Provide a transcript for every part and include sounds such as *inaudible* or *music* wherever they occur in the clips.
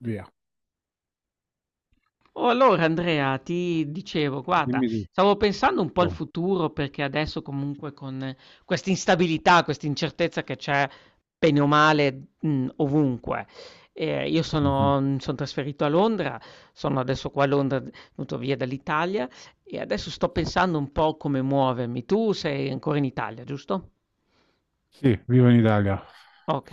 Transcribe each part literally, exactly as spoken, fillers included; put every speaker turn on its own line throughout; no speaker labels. Via.
Oh, allora Andrea, ti dicevo, guarda,
Dimmi
stavo pensando un po' al
tutto.
futuro perché adesso comunque con eh, questa instabilità, questa incertezza che c'è bene o male mh, ovunque. Eh, io
Mhm.
sono, mi sono trasferito a Londra, sono adesso qua a Londra, venuto via dall'Italia e adesso sto pensando un po' come muovermi. Tu sei ancora in Italia, giusto?
Sì, vivo in Italia.
Ok.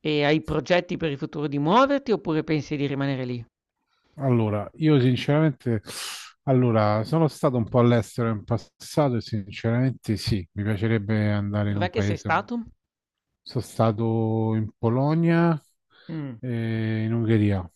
E hai progetti per il futuro di muoverti oppure pensi di rimanere lì?
Allora, io sinceramente, allora, sono stato un po' all'estero in passato e sinceramente sì, mi piacerebbe andare in
Dov'è
un
che sei
paese.
stato?
Sono stato in Polonia
Mm.
e in Ungheria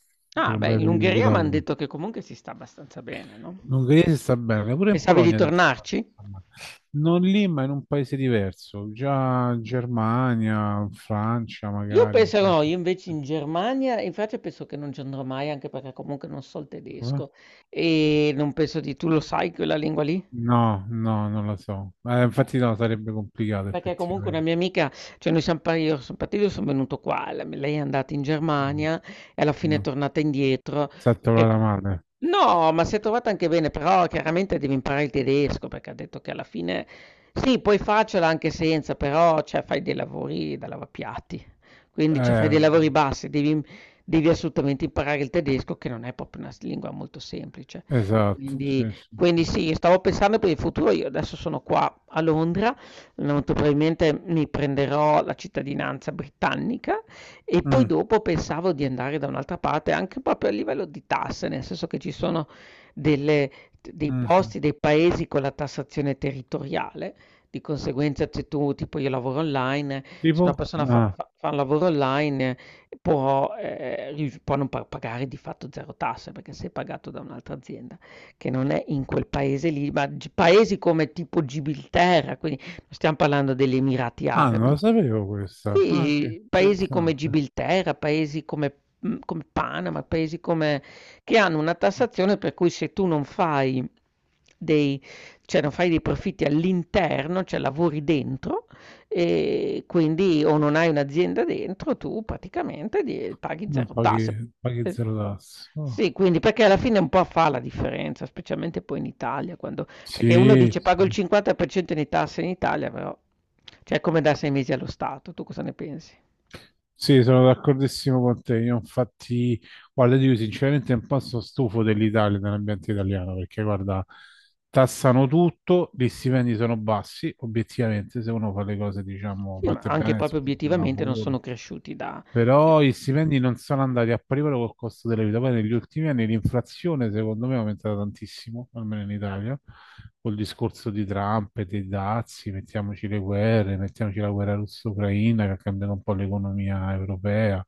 per
Ah,
un
beh,
bel
in
periodo di
Ungheria m'han
lavoro.
detto che comunque si sta abbastanza bene, no?
In Ungheria si sta bene, pure in
Pensavi di
Polonia adesso.
tornarci?
Insomma. Non lì, ma in un paese diverso, già Germania, Francia
Io
magari. Un
penso
paese...
no, io invece in Germania, in Francia penso che non ci andrò mai, anche perché comunque non so il
Eh?
tedesco e non penso di... Tu lo sai quella lingua lì?
No, no, non lo so. Eh,
Eh,
infatti no, sarebbe complicato
Perché comunque una
effettivamente.
mia amica, cioè noi siamo, par- io sono partito, io sono venuto qua, la- lei è andata in
Mm,
Germania e alla fine è
no.
tornata indietro,
Esatto,
perché...
la male.
No, ma si è trovata anche bene, però chiaramente devi imparare il tedesco, perché ha detto che alla fine sì, puoi farcela anche senza, però cioè, fai dei lavori da lavapiatti, quindi cioè, fai
Eh,
dei lavori bassi, devi, devi assolutamente imparare il tedesco, che non è proprio una s- lingua molto semplice.
esatto,
Quindi,
sì, sì.
quindi sì, stavo pensando per il futuro, io adesso sono qua a Londra, molto probabilmente mi prenderò la cittadinanza britannica e poi
Mm,
dopo pensavo di andare da un'altra parte, anche proprio a livello di tasse, nel senso che ci sono delle dei
mm, sì.
posti, dei paesi con la tassazione territoriale, di conseguenza se tu, tipo io lavoro online, se una
Tipo?
persona fa,
Ah,
fa- fa un lavoro online eh, può, eh, rius- può non pa- pagare di fatto zero tasse perché sei pagato da un'altra azienda che non è in quel paese lì, ma gi- paesi come tipo Gibilterra, quindi non stiamo parlando degli Emirati
ah, non
Arabi,
lo sapevo questa. Ah, sì,
sì, paesi come
interessante.
Gibilterra, paesi come mhmm, come Panama, paesi come che hanno una tassazione per cui se tu non fai dei cioè non fai dei profitti all'interno, cioè lavori dentro, ehm, quindi o non hai un'azienda dentro, tu praticamente di paghi
Non
zero
paghi,
tasse.
paghi
Es
zero tasse. Oh.
sì, quindi perché alla fine un po' fa la differenza, specialmente poi in Italia quando perché uno
Sì,
dice: "Pago il cinquanta per cento di tasse in Italia", però cioè è come dare sei mesi allo Stato. Tu cosa ne pensi?
sì, sono d'accordissimo con te. Io infatti, guarda, io sinceramente un po' sono stufo dell'Italia, dell'ambiente italiano, perché guarda, tassano tutto, gli stipendi sono bassi, obiettivamente, se uno fa le cose, diciamo,
Sì, ma
fatte
anche
bene, si
proprio
mette al
obiettivamente non
lavoro.
sono cresciuti da cioè...
Però i stipendi non sono andati a pari passo col costo della vita. Poi negli ultimi anni l'inflazione, secondo me, è aumentata tantissimo, almeno in Italia, col discorso di Trump e dei dazi, mettiamoci le guerre, mettiamoci la guerra russo-ucraina che ha cambiato un po' l'economia europea.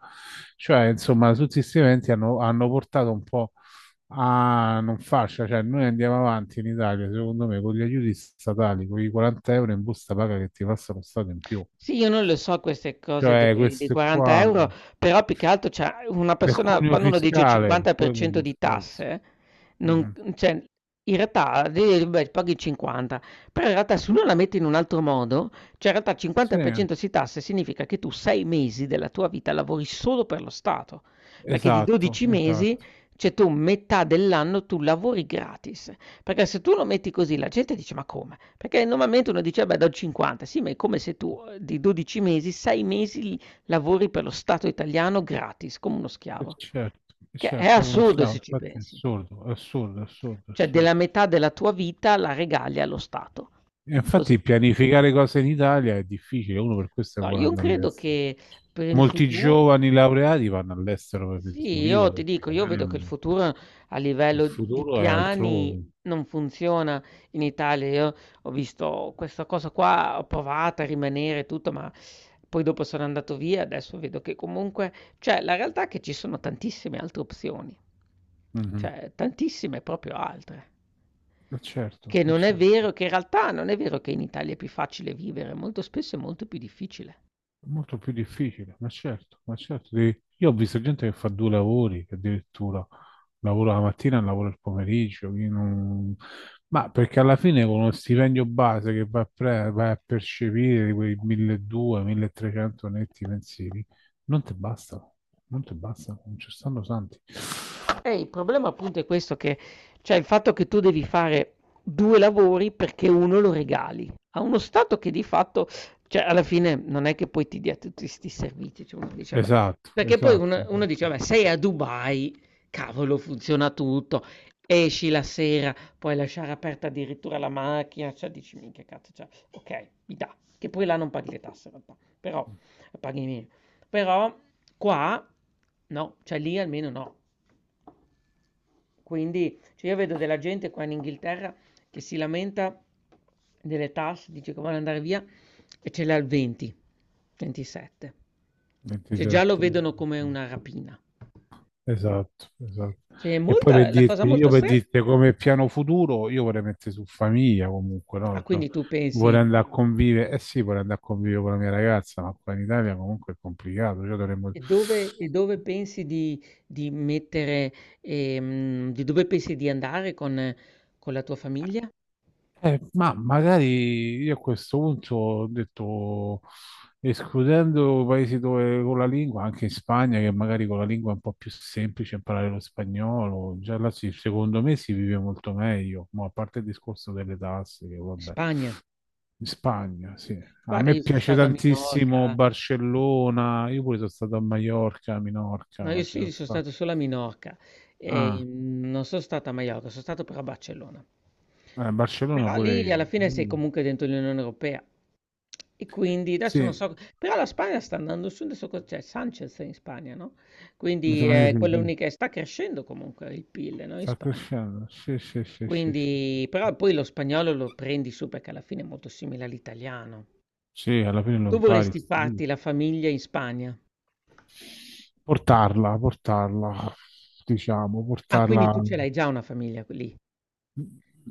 Cioè, insomma, tutti questi eventi hanno, hanno portato un po' a non fascia. Cioè, noi andiamo avanti in Italia, secondo me, con gli aiuti statali, con i quaranta euro in busta paga che ti passa lo Stato in più.
Sì, io non le so queste cose
Cioè,
delle dei
questo qua
quaranta euro €, però più che altro cioè una
del
persona
cuneo
quando uno dice
fiscale, quello è il
cinquanta per cento di
discorso.
tasse, non
Mhm.
cioè in realtà di beh, paghi cinquanta, però in realtà se uno la mette in un altro modo, cioè in realtà il
Sì,
cinquanta per cento si tasse significa che tu sei mesi della tua vita lavori solo per lo Stato, perché di
esatto,
dodici mesi,
esatto.
cioè tu metà dell'anno tu lavori gratis, perché se tu lo metti così la gente dice: "Ma come? Perché normalmente uno dice: "Vabbè, do il cinquanta". Sì, ma è come se tu, uhm, di dodici mesi, sei mesi l lavori per lo Stato italiano gratis, come uno
E
schiavo.
certo, e
Che è
certo, uno
assurdo se
schiavo,
ci
infatti è
pensi.
assurdo, è assurdo, è assurdo, è
Cioè
assurdo.
della metà della tua vita la regali allo Stato.
E
Così.
infatti pianificare cose in Italia è difficile, uno per questo
No,
vuole
io
andare
credo
all'estero.
che per il
Molti
futu
giovani laureati vanno all'estero per questo
sì,
motivo,
io ti
perché
dico, io vedo che il
magari
futuro a
il
livello di
futuro è
piani
altrove.
non funziona in Italia. Io ho visto questa cosa qua, ho provato a rimanere e tutto, ma poi dopo sono andato via. Adesso vedo che comunque, cioè, la realtà è che ci sono tantissime altre opzioni,
Mhm.
cioè, tantissime proprio altre.
E certo,
Che
e
non è
certo.
vero, che in realtà non è vero che in Italia è più facile vivere, molto spesso è molto più difficile.
È molto più difficile, ma certo, ma certo. Devi- io ho visto gente che fa due lavori, che addirittura lavora la mattina e lavora il pomeriggio. Io non- ma perché alla fine con uno stipendio base che va a, pre- vai a percepire di quei mille e duecento mille e trecento netti mensili, non ti bastano, non ti bastano, non ci stanno santi.
E il problema appunto è questo che, cioè il fatto che tu devi fare due lavori perché uno lo regali a uno Stato che di fatto, cioè alla fine non è che poi ti dia tutti 'sti servizi, cioè uno dice vabbè
Esatto,
perché poi
esatto.
uno uno dice vabbè sei a Dubai, cavolo funziona tutto, esci la sera, puoi lasciare aperta addirittura la macchina, cioè dici minchia cazzo, cioè okay, mi dà, che poi là non paghi le tasse in realtà, però paghi meno, però qua no, cioè lì almeno no. Quindi, cioè io vedo della gente qua in Inghilterra che si lamenta delle tasse, dice che vuole andare via e ce l'ha al venti, ventisette. Cioè già lo
ventisette.
vedono come una rapina.
Esatto, esatto.
Cioè,
E poi per
molta, la cosa
dirti, io
molto
per
strana.
dirti come piano futuro, io vorrei mettere su famiglia comunque,
Ah,
no? Cioè,
quindi tu
vorrei
pensi,
andare
e
a convivere, eh sì, vorrei andare a convivere con la mia ragazza, ma qua in Italia comunque è complicato, cioè dovremmo...
e dove, e dove pensi di, di mettere, ehm, di dove pensi di andare con, con la tua famiglia? In
Eh, ma magari io a questo punto ho detto, escludendo paesi dove con la lingua, anche in Spagna, che magari con la lingua è un po' più semplice imparare lo spagnolo, già là si- secondo me si vive molto meglio, ma a parte il discorso delle tasse, che vabbè.
Spagna.
In Spagna, sì. A
Guarda,
me
io sono
piace
stato a
tantissimo
Minorca.
Barcellona. Io pure sono stato a Maiorca, a
No,
Minorca.
io
Ci sono
sì, sono
stato.
stato solo a Minorca e
Ah,
mm, non sono stato a Maiorca, sono stato però a Barcellona.
eh, Barcellona
Però
pure
lì
io.
alla fine sei
Mm.
comunque dentro l'Unione Europea e quindi adesso non
Sì,
so, però la Spagna sta andando su, adesso co- c'è Sanchez in Spagna, no?
mi
Quindi
sembra di
eh,
sì.
quella
Sì.
unica, sta crescendo comunque il PIL, no? In
Sta
Spagna.
crescendo. Sì, sì, sì, sì, sì.
Quindi, però poi lo spagnolo lo prendi su perché alla fine è molto simile all'italiano.
Sì, alla fine lo
Tu
impari.
vorresti farti
Sì.
la famiglia in Spagna?
Portarla, portarla, diciamo,
Ah, quindi tu
portarla.
ce l'hai già una famiglia lì?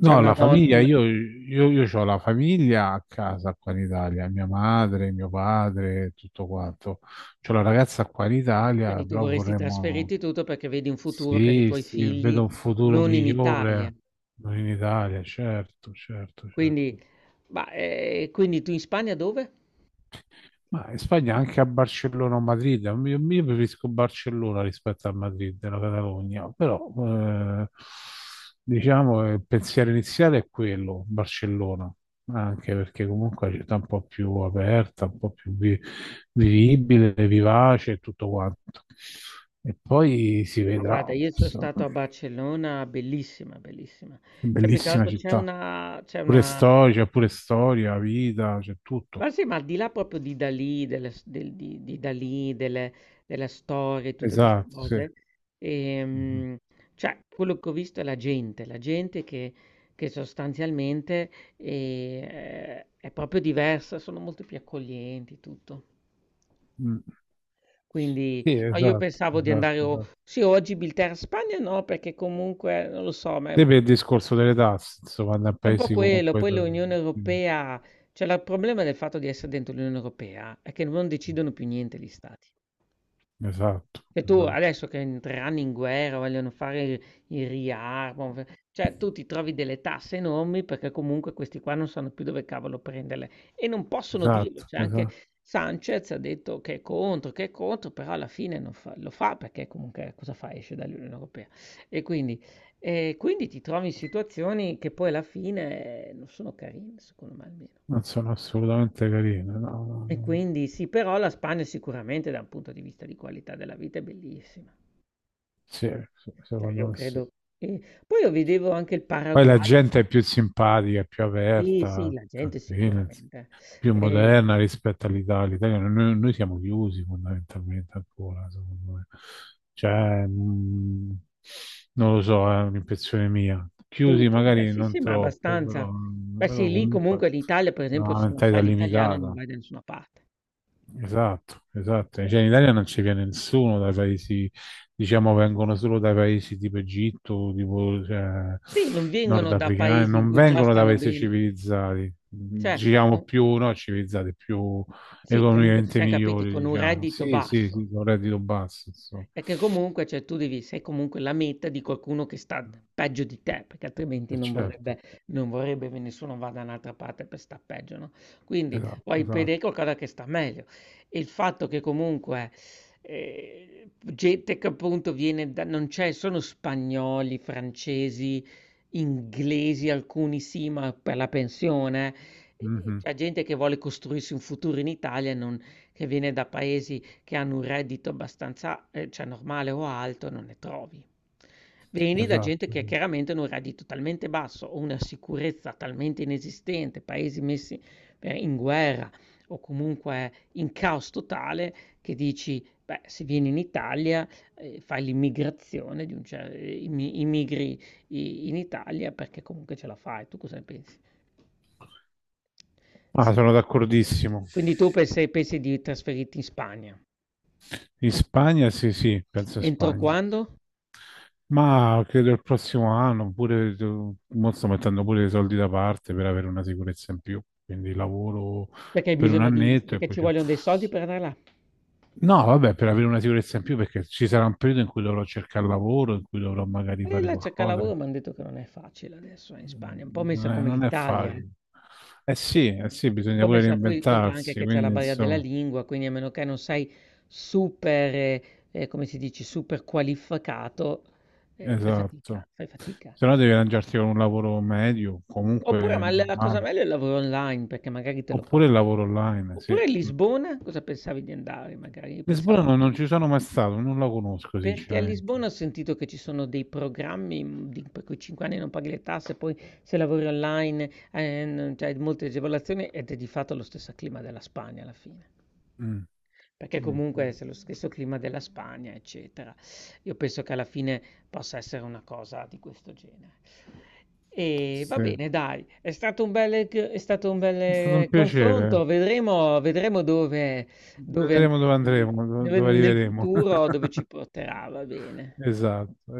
C'è una
la famiglia,
donna?
io, io, io ho la famiglia a casa qua in Italia, mia madre, mio padre, tutto quanto. C'ho la ragazza qua in Italia,
Quindi tu
però
vorresti
vorremmo...
trasferirti tutto perché vedi un futuro per i
Sì,
tuoi
sì, vedo
figli
un futuro
non in Italia.
migliore in Italia, certo, certo, certo.
Quindi, ma, eh, quindi tu in Spagna dove?
Ma in Spagna anche a Barcellona o Madrid, io, io preferisco Barcellona rispetto a Madrid, la Catalogna, però eh, diciamo eh, il pensiero iniziale è quello, Barcellona, anche perché comunque è una città un po' più aperta, un po' più vi- vivibile, vivace e tutto quanto. E poi si
Ma
vedrà,
guarda, io sono
insomma,
stato a Barcellona, bellissima, bellissima.
è
Cioè, più che
bellissima
altro c'è
città,
una, c'è
pure
una
storia, c'è pure storia, vita, c'è tutto.
Ma sì, ma al di là proprio di Dalì, delle s- del- di, di Dalì, delle, delle storie, tutte queste
Esatto, sì.
cose,
Mhm.
ehm, cioè quello che ho visto è la gente, la gente che, che sostanzialmente eh, è proprio diversa, sono molto più accoglienti, tutto.
Mm.
Quindi
Sì,
no, io
esatto,
pensavo di
esatto,
andare, o-
esatto.
sì, oggi Bilterra Spagna no, perché comunque non lo so, ma
Sì, per il discorso delle tasse, insomma, da
è un po'
paesi
quello,
comunque...
poi l'Unione
sì,
Europea, cioè la- il problema del fatto di essere dentro l'Unione Europea è che non decidono più niente gli stati.
esatto,
Che tu
esatto,
adesso che entreranno in guerra, vogliono fare il, il riarmo, f- cioè tu ti trovi delle tasse enormi perché comunque questi qua non sanno più dove cavolo prenderle e non possono dirlo.
esatto,
Cioè anche
esatto.
Sanchez ha detto che è contro, che è contro, però alla fine non fa- lo fa perché comunque cosa fa? Esce dall'Unione Europea. E quindi e quindi ti trovi in situazioni che poi alla fine eh, non sono carine, secondo me almeno.
Non sono assolutamente carine, no, no,
E
no.
quindi sì, però la Spagna sicuramente da un punto di vista di qualità della vita è bellissima.
Sì, sì,
Cioè
secondo
io
me sì.
credo che... Poi io vedevo anche il
Poi
Paraguay.
la
ci fa-
gente è più simpatica, più
Sì, sì,
aperta,
la gente
tranquilla, ins-
sicuramente.
più
Eh,
moderna rispetto all'Italia. L'Italia- Noi, noi siamo chiusi fondamentalmente ancora, secondo me. Cioè, mh, non lo so, è un'impressione mia. Chiusi
tutto. Beh,
magari
sì,
non
sì, ma
troppo,
abbastanza.
però,
Beh
però
sì, lì
comunque
comunque l'Italia, per esempio,
una
se non
mentalità
sai l'italiano non
limitata.
vai da nessuna parte.
Esatto, esatto. Cioè, in Italia non ci viene nessuno dai paesi, diciamo, vengono solo dai paesi tipo Egitto, tipo cioè,
Sì, non vengono da
nordafricani,
paesi in
non
cui già
vengono da
stanno
paesi
bene.
civilizzati,
Cioè...
diciamo più, no, civilizzati, più
Sì, che comunque ci
economicamente
siam capiti,
migliori,
con un
diciamo.
reddito
Sì, sì,
basso.
sì, con reddito basso, insomma.
Perché comunque, cioè tu devi sei comunque la meta di qualcuno che sta peggio di te, perché altrimenti
Eh,
non
Certo,
vorrebbe non vorrebbe che nessuno vada da un'altra parte per sta peggio, no, quindi
esatto,
vuoi vedere
esatto.
qualcosa che sta meglio. E il fatto che comunque, ehm, gente che appunto viene da non c'è sono spagnoli, francesi, inglesi, alcuni sì, ma per la pensione, ehm,
Mhm,
c'è gente che vuole costruirsi un futuro in Italia e non che viene da paesi che hanno un reddito abbastanza, ehm, cioè normale o alto, non ne trovi. Vieni da
esatto.
gente che
Sì.
chiaramente ha un reddito talmente basso o una sicurezza talmente inesistente, paesi messi, ehm, in guerra o comunque in caos totale che dici: "Beh, se vieni in Italia, ehm, fai l'immigrazione di un cer ehm, immi immigri i in Italia perché comunque ce la fai." Tu cosa ne pensi?
Ah,
Sì.
sono d'accordissimo.
Quindi tu pensi pensi di trasferirti in Spagna.
In Spagna, sì, sì, penso a
Entro
Spagna.
quando?
Ma credo il prossimo anno, pure tu- mo sto mettendo pure i soldi da parte per avere una sicurezza in più, quindi lavoro
Perché hai
per un
bisogno di
annetto e
perché
poi...
ci
ci-
vogliono dei soldi per andare là.
no, vabbè, per avere una sicurezza in più perché ci sarà un periodo in cui dovrò cercare lavoro, in cui dovrò magari
E
fare
là cerca
qualcosa.
lavoro, mi han detto che non è facile adesso eh, in Spagna, un po'
Non
messa
è,
come
non è
l'Italia, eh.
facile. Eh sì, eh sì,
Un
bisogna
po'
pure
messa poi conta anche
reinventarsi,
che c'è la
quindi
barriera della
insomma,
lingua, quindi a meno che non sei super, eh, eh, come si dice, super qualificato, eh, fai fatica,
esatto.
fai fatica.
Se no devi arrangiarti con un lavoro medio,
Oppure,
comunque
ma la la cosa
normale,
meglio è il lavoro online, perché magari te lo
oppure il
porti.
lavoro online, sì.
Oppure Lisbona, cosa pensavi di andare? Magari io
Lisbona
pensavo
no,
anche
non
lì.
ci sono mai stato, non la conosco
Perché a
sinceramente.
Lisbona ho sentito che ci sono dei programmi, mhmm, di per cui cinque anni non paghi le tasse, poi se lavori online, ehm, non c'hai molte agevolazioni ed è di fatto lo stesso clima della Spagna alla fine.
Mm,
Perché
mm, mm.
comunque se lo stesso clima della Spagna, eccetera. Io penso che alla fine possa essere una cosa di questo genere. E va
Sì. È
bene dai, è stato un bel g è stato un
stato un
bel confronto,
piacere.
vedremo vedremo dove dove
Vedremo dove
andremo nel,
andremo, do-
nel-
dove
nel
arriveremo.
futuro, dove ci
*laughs*
porterà, va bene.
Esatto.